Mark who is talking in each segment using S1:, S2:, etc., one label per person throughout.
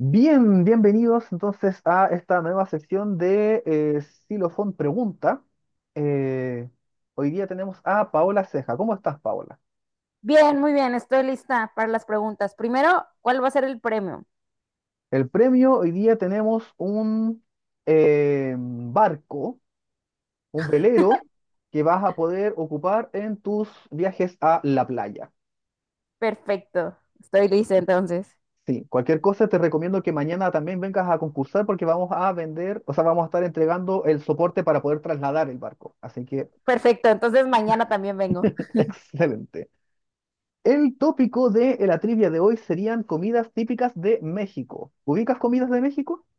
S1: Bien, bienvenidos entonces a esta nueva sección de Xilofón Pregunta. Eh, hoy día tenemos a Paola Ceja. ¿Cómo estás, Paola?
S2: Bien, muy bien, estoy lista para las preguntas. Primero, ¿cuál va a ser el premio?
S1: El premio, hoy día tenemos un barco, un velero que vas a poder ocupar en tus viajes a la playa.
S2: Perfecto, estoy lista entonces.
S1: Sí, cualquier cosa te recomiendo que mañana también vengas a concursar porque vamos a vender, o sea, vamos a estar entregando el soporte para poder trasladar el barco. Así que,
S2: Perfecto, entonces mañana también vengo.
S1: excelente. El tópico de la trivia de hoy serían comidas típicas de México. ¿Ubicas comidas de México?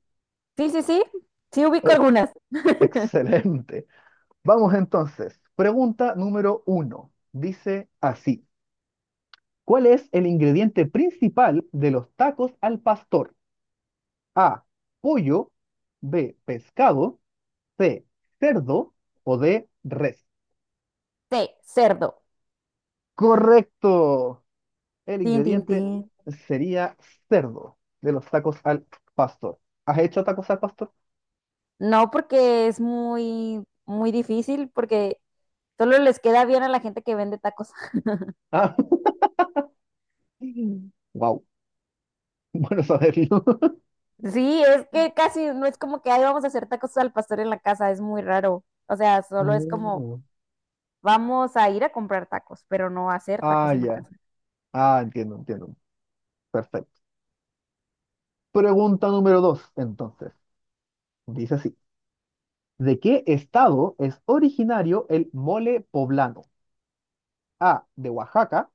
S2: Sí, sí, sí, sí ubico
S1: Eh,
S2: algunas.
S1: excelente. Vamos entonces. Pregunta número uno. Dice así. ¿Cuál es el ingrediente principal de los tacos al pastor? A. Pollo. B. Pescado. C. Cerdo. O D. Res.
S2: Sí, cerdo.
S1: Correcto. El
S2: Tin, tin,
S1: ingrediente
S2: tin.
S1: sería cerdo de los tacos al pastor. ¿Has hecho tacos al pastor?
S2: No porque es muy, muy difícil, porque solo les queda bien a la gente que vende tacos.
S1: Ah, wow, bueno saberlo.
S2: Sí, es que casi no es como que ahí vamos a hacer tacos al pastor en la casa, es muy raro. O sea, solo es como
S1: Mm.
S2: vamos a ir a comprar tacos, pero no a hacer tacos
S1: Ah,
S2: en la
S1: ya.
S2: casa.
S1: Ah, entiendo, entiendo. Perfecto. Pregunta número dos, entonces. Dice así. ¿De qué estado es originario el mole poblano? A, de Oaxaca,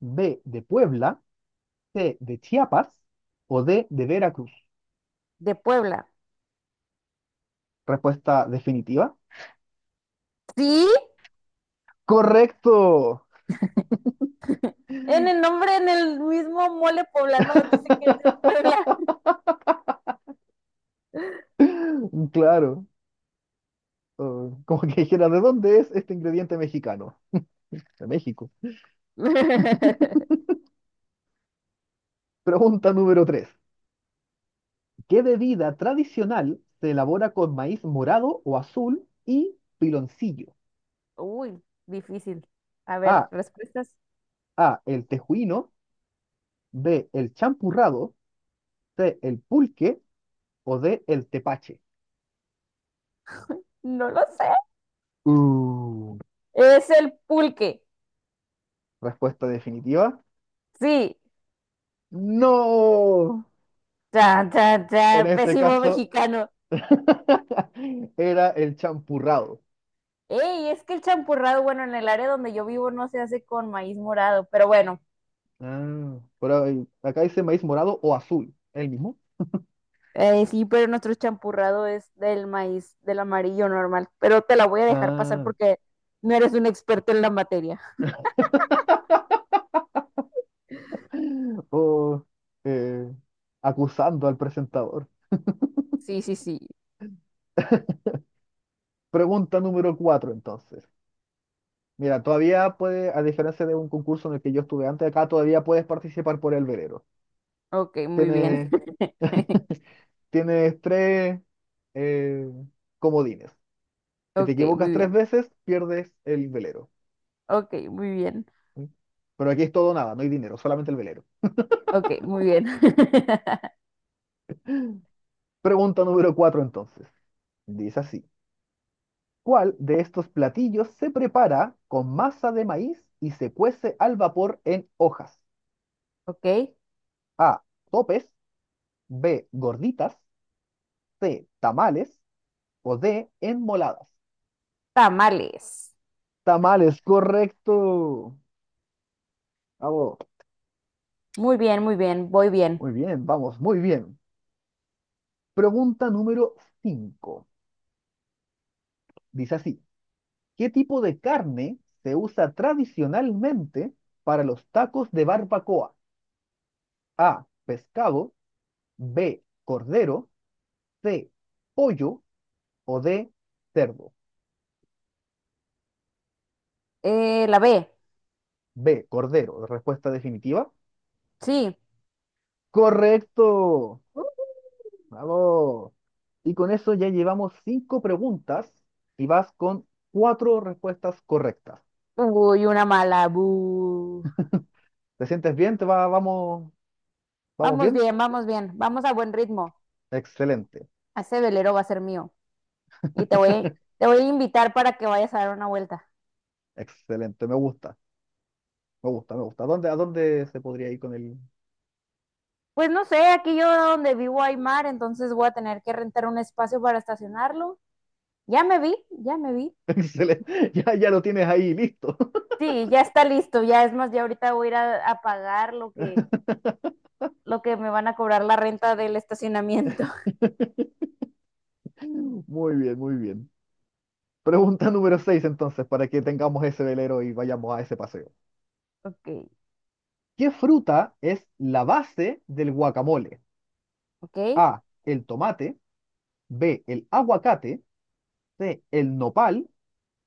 S1: B, de Puebla, C, de Chiapas o D, de Veracruz.
S2: De Puebla.
S1: Respuesta definitiva.
S2: Sí,
S1: Correcto.
S2: en el nombre, en el mismo mole poblano, dice que es de Puebla.
S1: Claro. Oh, como que dijera, ¿de dónde es este ingrediente mexicano? De México. Pregunta número tres. ¿Qué bebida tradicional se elabora con maíz morado o azul y piloncillo?
S2: Uy, difícil. A ver,
S1: A.
S2: respuestas.
S1: A. El tejuino. B. El champurrado. C. El pulque. O D. El tepache.
S2: No lo sé.
S1: Uh,
S2: Es el pulque.
S1: respuesta definitiva.
S2: Sí.
S1: No.
S2: Chan, chan, chan,
S1: En este
S2: pésimo
S1: caso
S2: mexicano.
S1: era el champurrado.
S2: Ey, es que el champurrado, bueno, en el área donde yo vivo no se hace con maíz morado, pero bueno.
S1: Ah, pero acá dice maíz morado o azul. ¿El mismo?
S2: Sí, pero nuestro champurrado es del maíz, del amarillo normal. Pero te la voy a dejar pasar
S1: Ah,
S2: porque no eres un experto en la materia.
S1: o eh, acusando al presentador.
S2: Sí, sí, sí.
S1: Pregunta número cuatro, entonces. Mira, todavía puede, a diferencia de un concurso en el que yo estuve antes, acá todavía puedes participar por el verero.
S2: Ok, muy bien.
S1: Tienes, tienes tres eh, comodines. Si te
S2: Ok,
S1: equivocas
S2: muy
S1: tres
S2: bien.
S1: veces, pierdes el velero.
S2: Ok, muy bien.
S1: ¿Sí? Pero aquí es todo o nada, no hay dinero, solamente el velero.
S2: Ok, muy bien.
S1: Pregunta número cuatro, entonces. Dice así. ¿Cuál de estos platillos se prepara con masa de maíz y se cuece al vapor en hojas?
S2: Ok,
S1: A. Topes. B. Gorditas. C. Tamales o D, enmoladas.
S2: tamales.
S1: Tamales, correcto. Bravo.
S2: Muy bien, muy bien. Voy bien.
S1: Muy bien, vamos, muy bien. Pregunta número cinco. Dice así, ¿qué tipo de carne se usa tradicionalmente para los tacos de barbacoa? A, pescado, B, cordero, C, pollo o D, cerdo.
S2: La B.
S1: B, cordero, respuesta definitiva.
S2: Sí.
S1: Correcto. Vamos. Y con eso ya llevamos cinco preguntas y vas con cuatro respuestas correctas.
S2: Uy, una mala. Bu.
S1: ¿Te sientes bien? ¿ vamos
S2: Vamos
S1: bien?
S2: bien, vamos bien. Vamos a buen ritmo.
S1: Excelente,
S2: Ese velero va a ser mío. Y te voy, Te voy a invitar para que vayas a dar una vuelta.
S1: excelente. Me gusta, me gusta, me gusta. A dónde se podría ir con el...
S2: Pues no sé, aquí yo donde vivo hay mar, entonces voy a tener que rentar un espacio para estacionarlo. Ya me vi, ya me vi.
S1: Excelente. Ya, ya lo tienes ahí, listo.
S2: Sí, ya está listo, ya es más, ya ahorita voy a ir a pagar lo lo que me van a cobrar la renta del estacionamiento.
S1: Muy bien, muy bien. Pregunta número seis entonces, para que tengamos ese velero y vayamos a ese paseo.
S2: Ok,
S1: ¿Qué fruta es la base del guacamole?
S2: ok.
S1: A, el tomate, B, el aguacate. De el nopal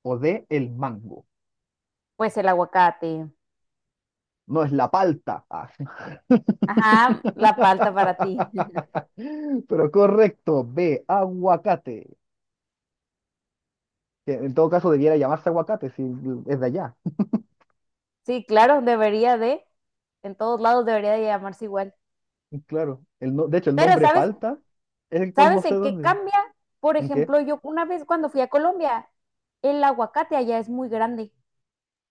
S1: o de el mango.
S2: Pues el aguacate.
S1: No es la palta. Ah.
S2: Ajá, la palta para ti.
S1: Pero correcto, B, aguacate. Que en todo caso debiera llamarse aguacate si es de allá.
S2: Sí, claro, en todos lados debería de llamarse igual.
S1: Claro. El de hecho, el
S2: Pero,
S1: nombre
S2: ¿sabes?
S1: palta es el cual no
S2: ¿Sabes
S1: sé
S2: en qué
S1: dónde.
S2: cambia? Por
S1: ¿En qué?
S2: ejemplo, yo una vez cuando fui a Colombia, el aguacate allá es muy grande.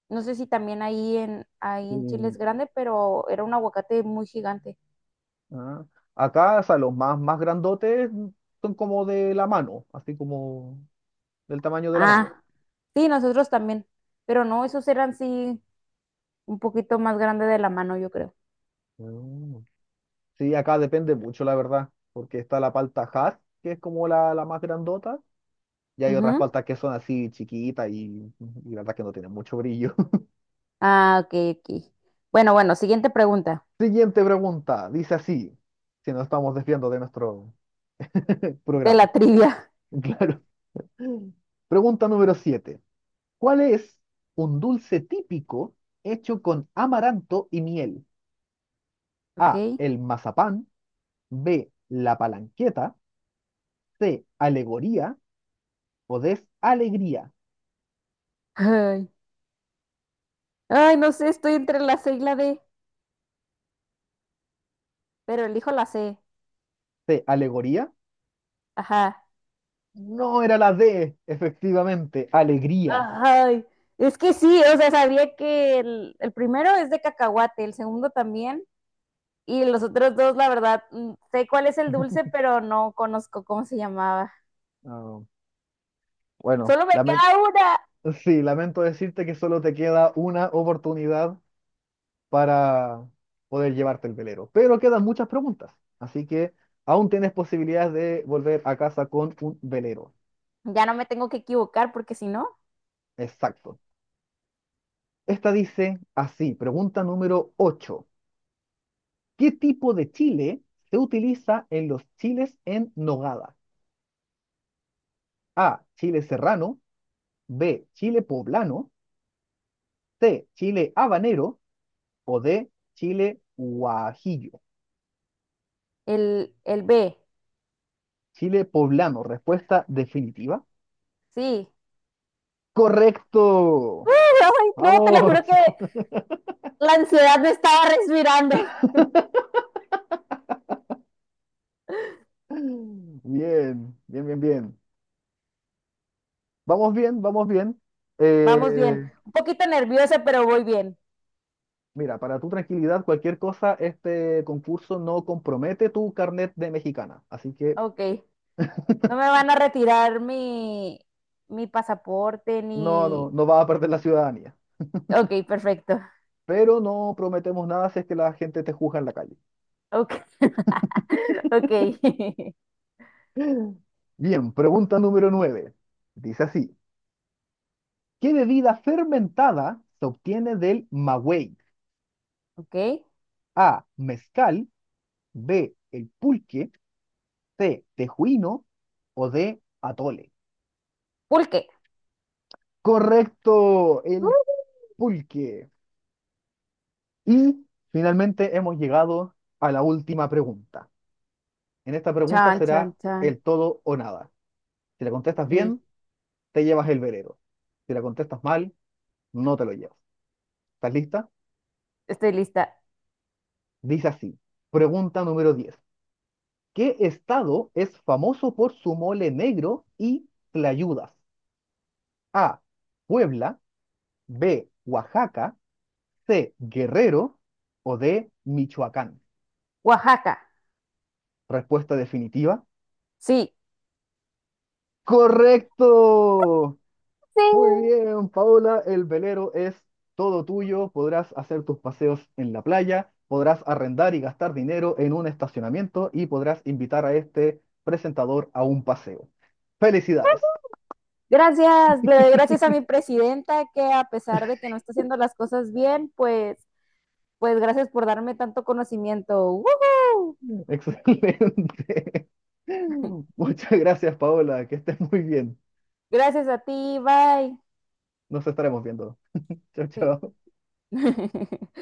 S2: No sé si también ahí en Chile
S1: Eh,
S2: es grande, pero era un aguacate muy gigante.
S1: ah. Acá, o sea, los más grandotes son como de la mano, así como del tamaño de la mano.
S2: Ah, sí, nosotros también, pero no, esos eran sí un poquito más grande de la mano, yo creo.
S1: Ah. Sí, acá depende mucho, la verdad, porque está la palta Hass, que es como la más grandota, y hay otras
S2: Ujú.
S1: paltas que son así chiquitas y la verdad que no tienen mucho brillo.
S2: Ah, ok, ok. Bueno, bueno, siguiente pregunta
S1: Siguiente pregunta, dice así, si nos estamos desviando de nuestro
S2: de la
S1: programa.
S2: trivia,
S1: Claro. Pregunta número 7. ¿Cuál es un dulce típico hecho con amaranto y miel?
S2: ok.
S1: A, el mazapán, B, la palanqueta, C, alegoría o D, alegría.
S2: Ay, ay, no sé, estoy entre la C y la D, pero elijo la C.
S1: C, alegoría.
S2: Ajá.
S1: No era la D, efectivamente, alegría.
S2: Ay, es que sí, o sea, sabía que el primero es de cacahuate, el segundo también, y los otros dos, la verdad, mm, sé cuál es el dulce, pero no conozco cómo se llamaba.
S1: Ah, bueno,
S2: Solo me queda una.
S1: sí, lamento decirte que solo te queda una oportunidad para poder llevarte el velero, pero quedan muchas preguntas, así que aún tienes posibilidades de volver a casa con un velero.
S2: Ya no me tengo que equivocar porque si no,
S1: Exacto. Esta dice así, pregunta número 8. ¿Qué tipo de chile se utiliza en los chiles en nogada? A, chile serrano, B, chile poblano, C, chile habanero o D, chile guajillo.
S2: el B.
S1: Chile poblano, respuesta definitiva.
S2: Sí.
S1: Correcto.
S2: Ay, no, te lo
S1: Vamos.
S2: juro que la ansiedad me estaba respirando.
S1: Bien, bien, bien, bien. Vamos bien, vamos bien.
S2: Vamos bien.
S1: Eh,
S2: Un poquito nerviosa, pero voy bien.
S1: mira, para tu tranquilidad, cualquier cosa, este concurso no compromete tu carnet de mexicana. Así que
S2: Ok. No me van a retirar mi pasaporte
S1: no,
S2: ni...
S1: no, no vas a perder la ciudadanía.
S2: Ok, perfecto.
S1: Pero no prometemos nada si es que la gente te juzga en la calle.
S2: Ok, ok.
S1: Bien, pregunta número nueve. Dice así. ¿Qué bebida fermentada se obtiene del maguey?
S2: Ok.
S1: A, mezcal, B, el pulque, C, tejuino o D, atole.
S2: Pulque.
S1: Correcto, el pulque. Y finalmente hemos llegado a la última pregunta. En esta pregunta
S2: Chan, chan,
S1: será
S2: chan.
S1: el todo o nada. Si la contestas
S2: Ok.
S1: bien, te llevas el velero. Si la contestas mal, no te lo llevas. ¿Estás lista?
S2: Estoy lista.
S1: Dice así. Pregunta número 10. ¿Qué estado es famoso por su mole negro y tlayudas? A. Puebla. B. Oaxaca. C. Guerrero. O D. Michoacán.
S2: Oaxaca.
S1: Respuesta definitiva.
S2: Sí.
S1: ¡Correcto!
S2: Sí.
S1: Muy bien, Paola. El velero es todo tuyo. Podrás hacer tus paseos en la playa. Podrás arrendar y gastar dinero en un estacionamiento y podrás invitar a este presentador a un paseo. Felicidades.
S2: Gracias, le doy gracias a mi presidenta que a pesar de que no está haciendo las cosas bien, pues, pues gracias por darme tanto conocimiento. ¡Woohoo!
S1: Excelente. Muchas gracias, Paola. Que estés muy bien.
S2: Gracias a ti, bye.
S1: Nos estaremos viendo. Chao,
S2: Sí.
S1: chao.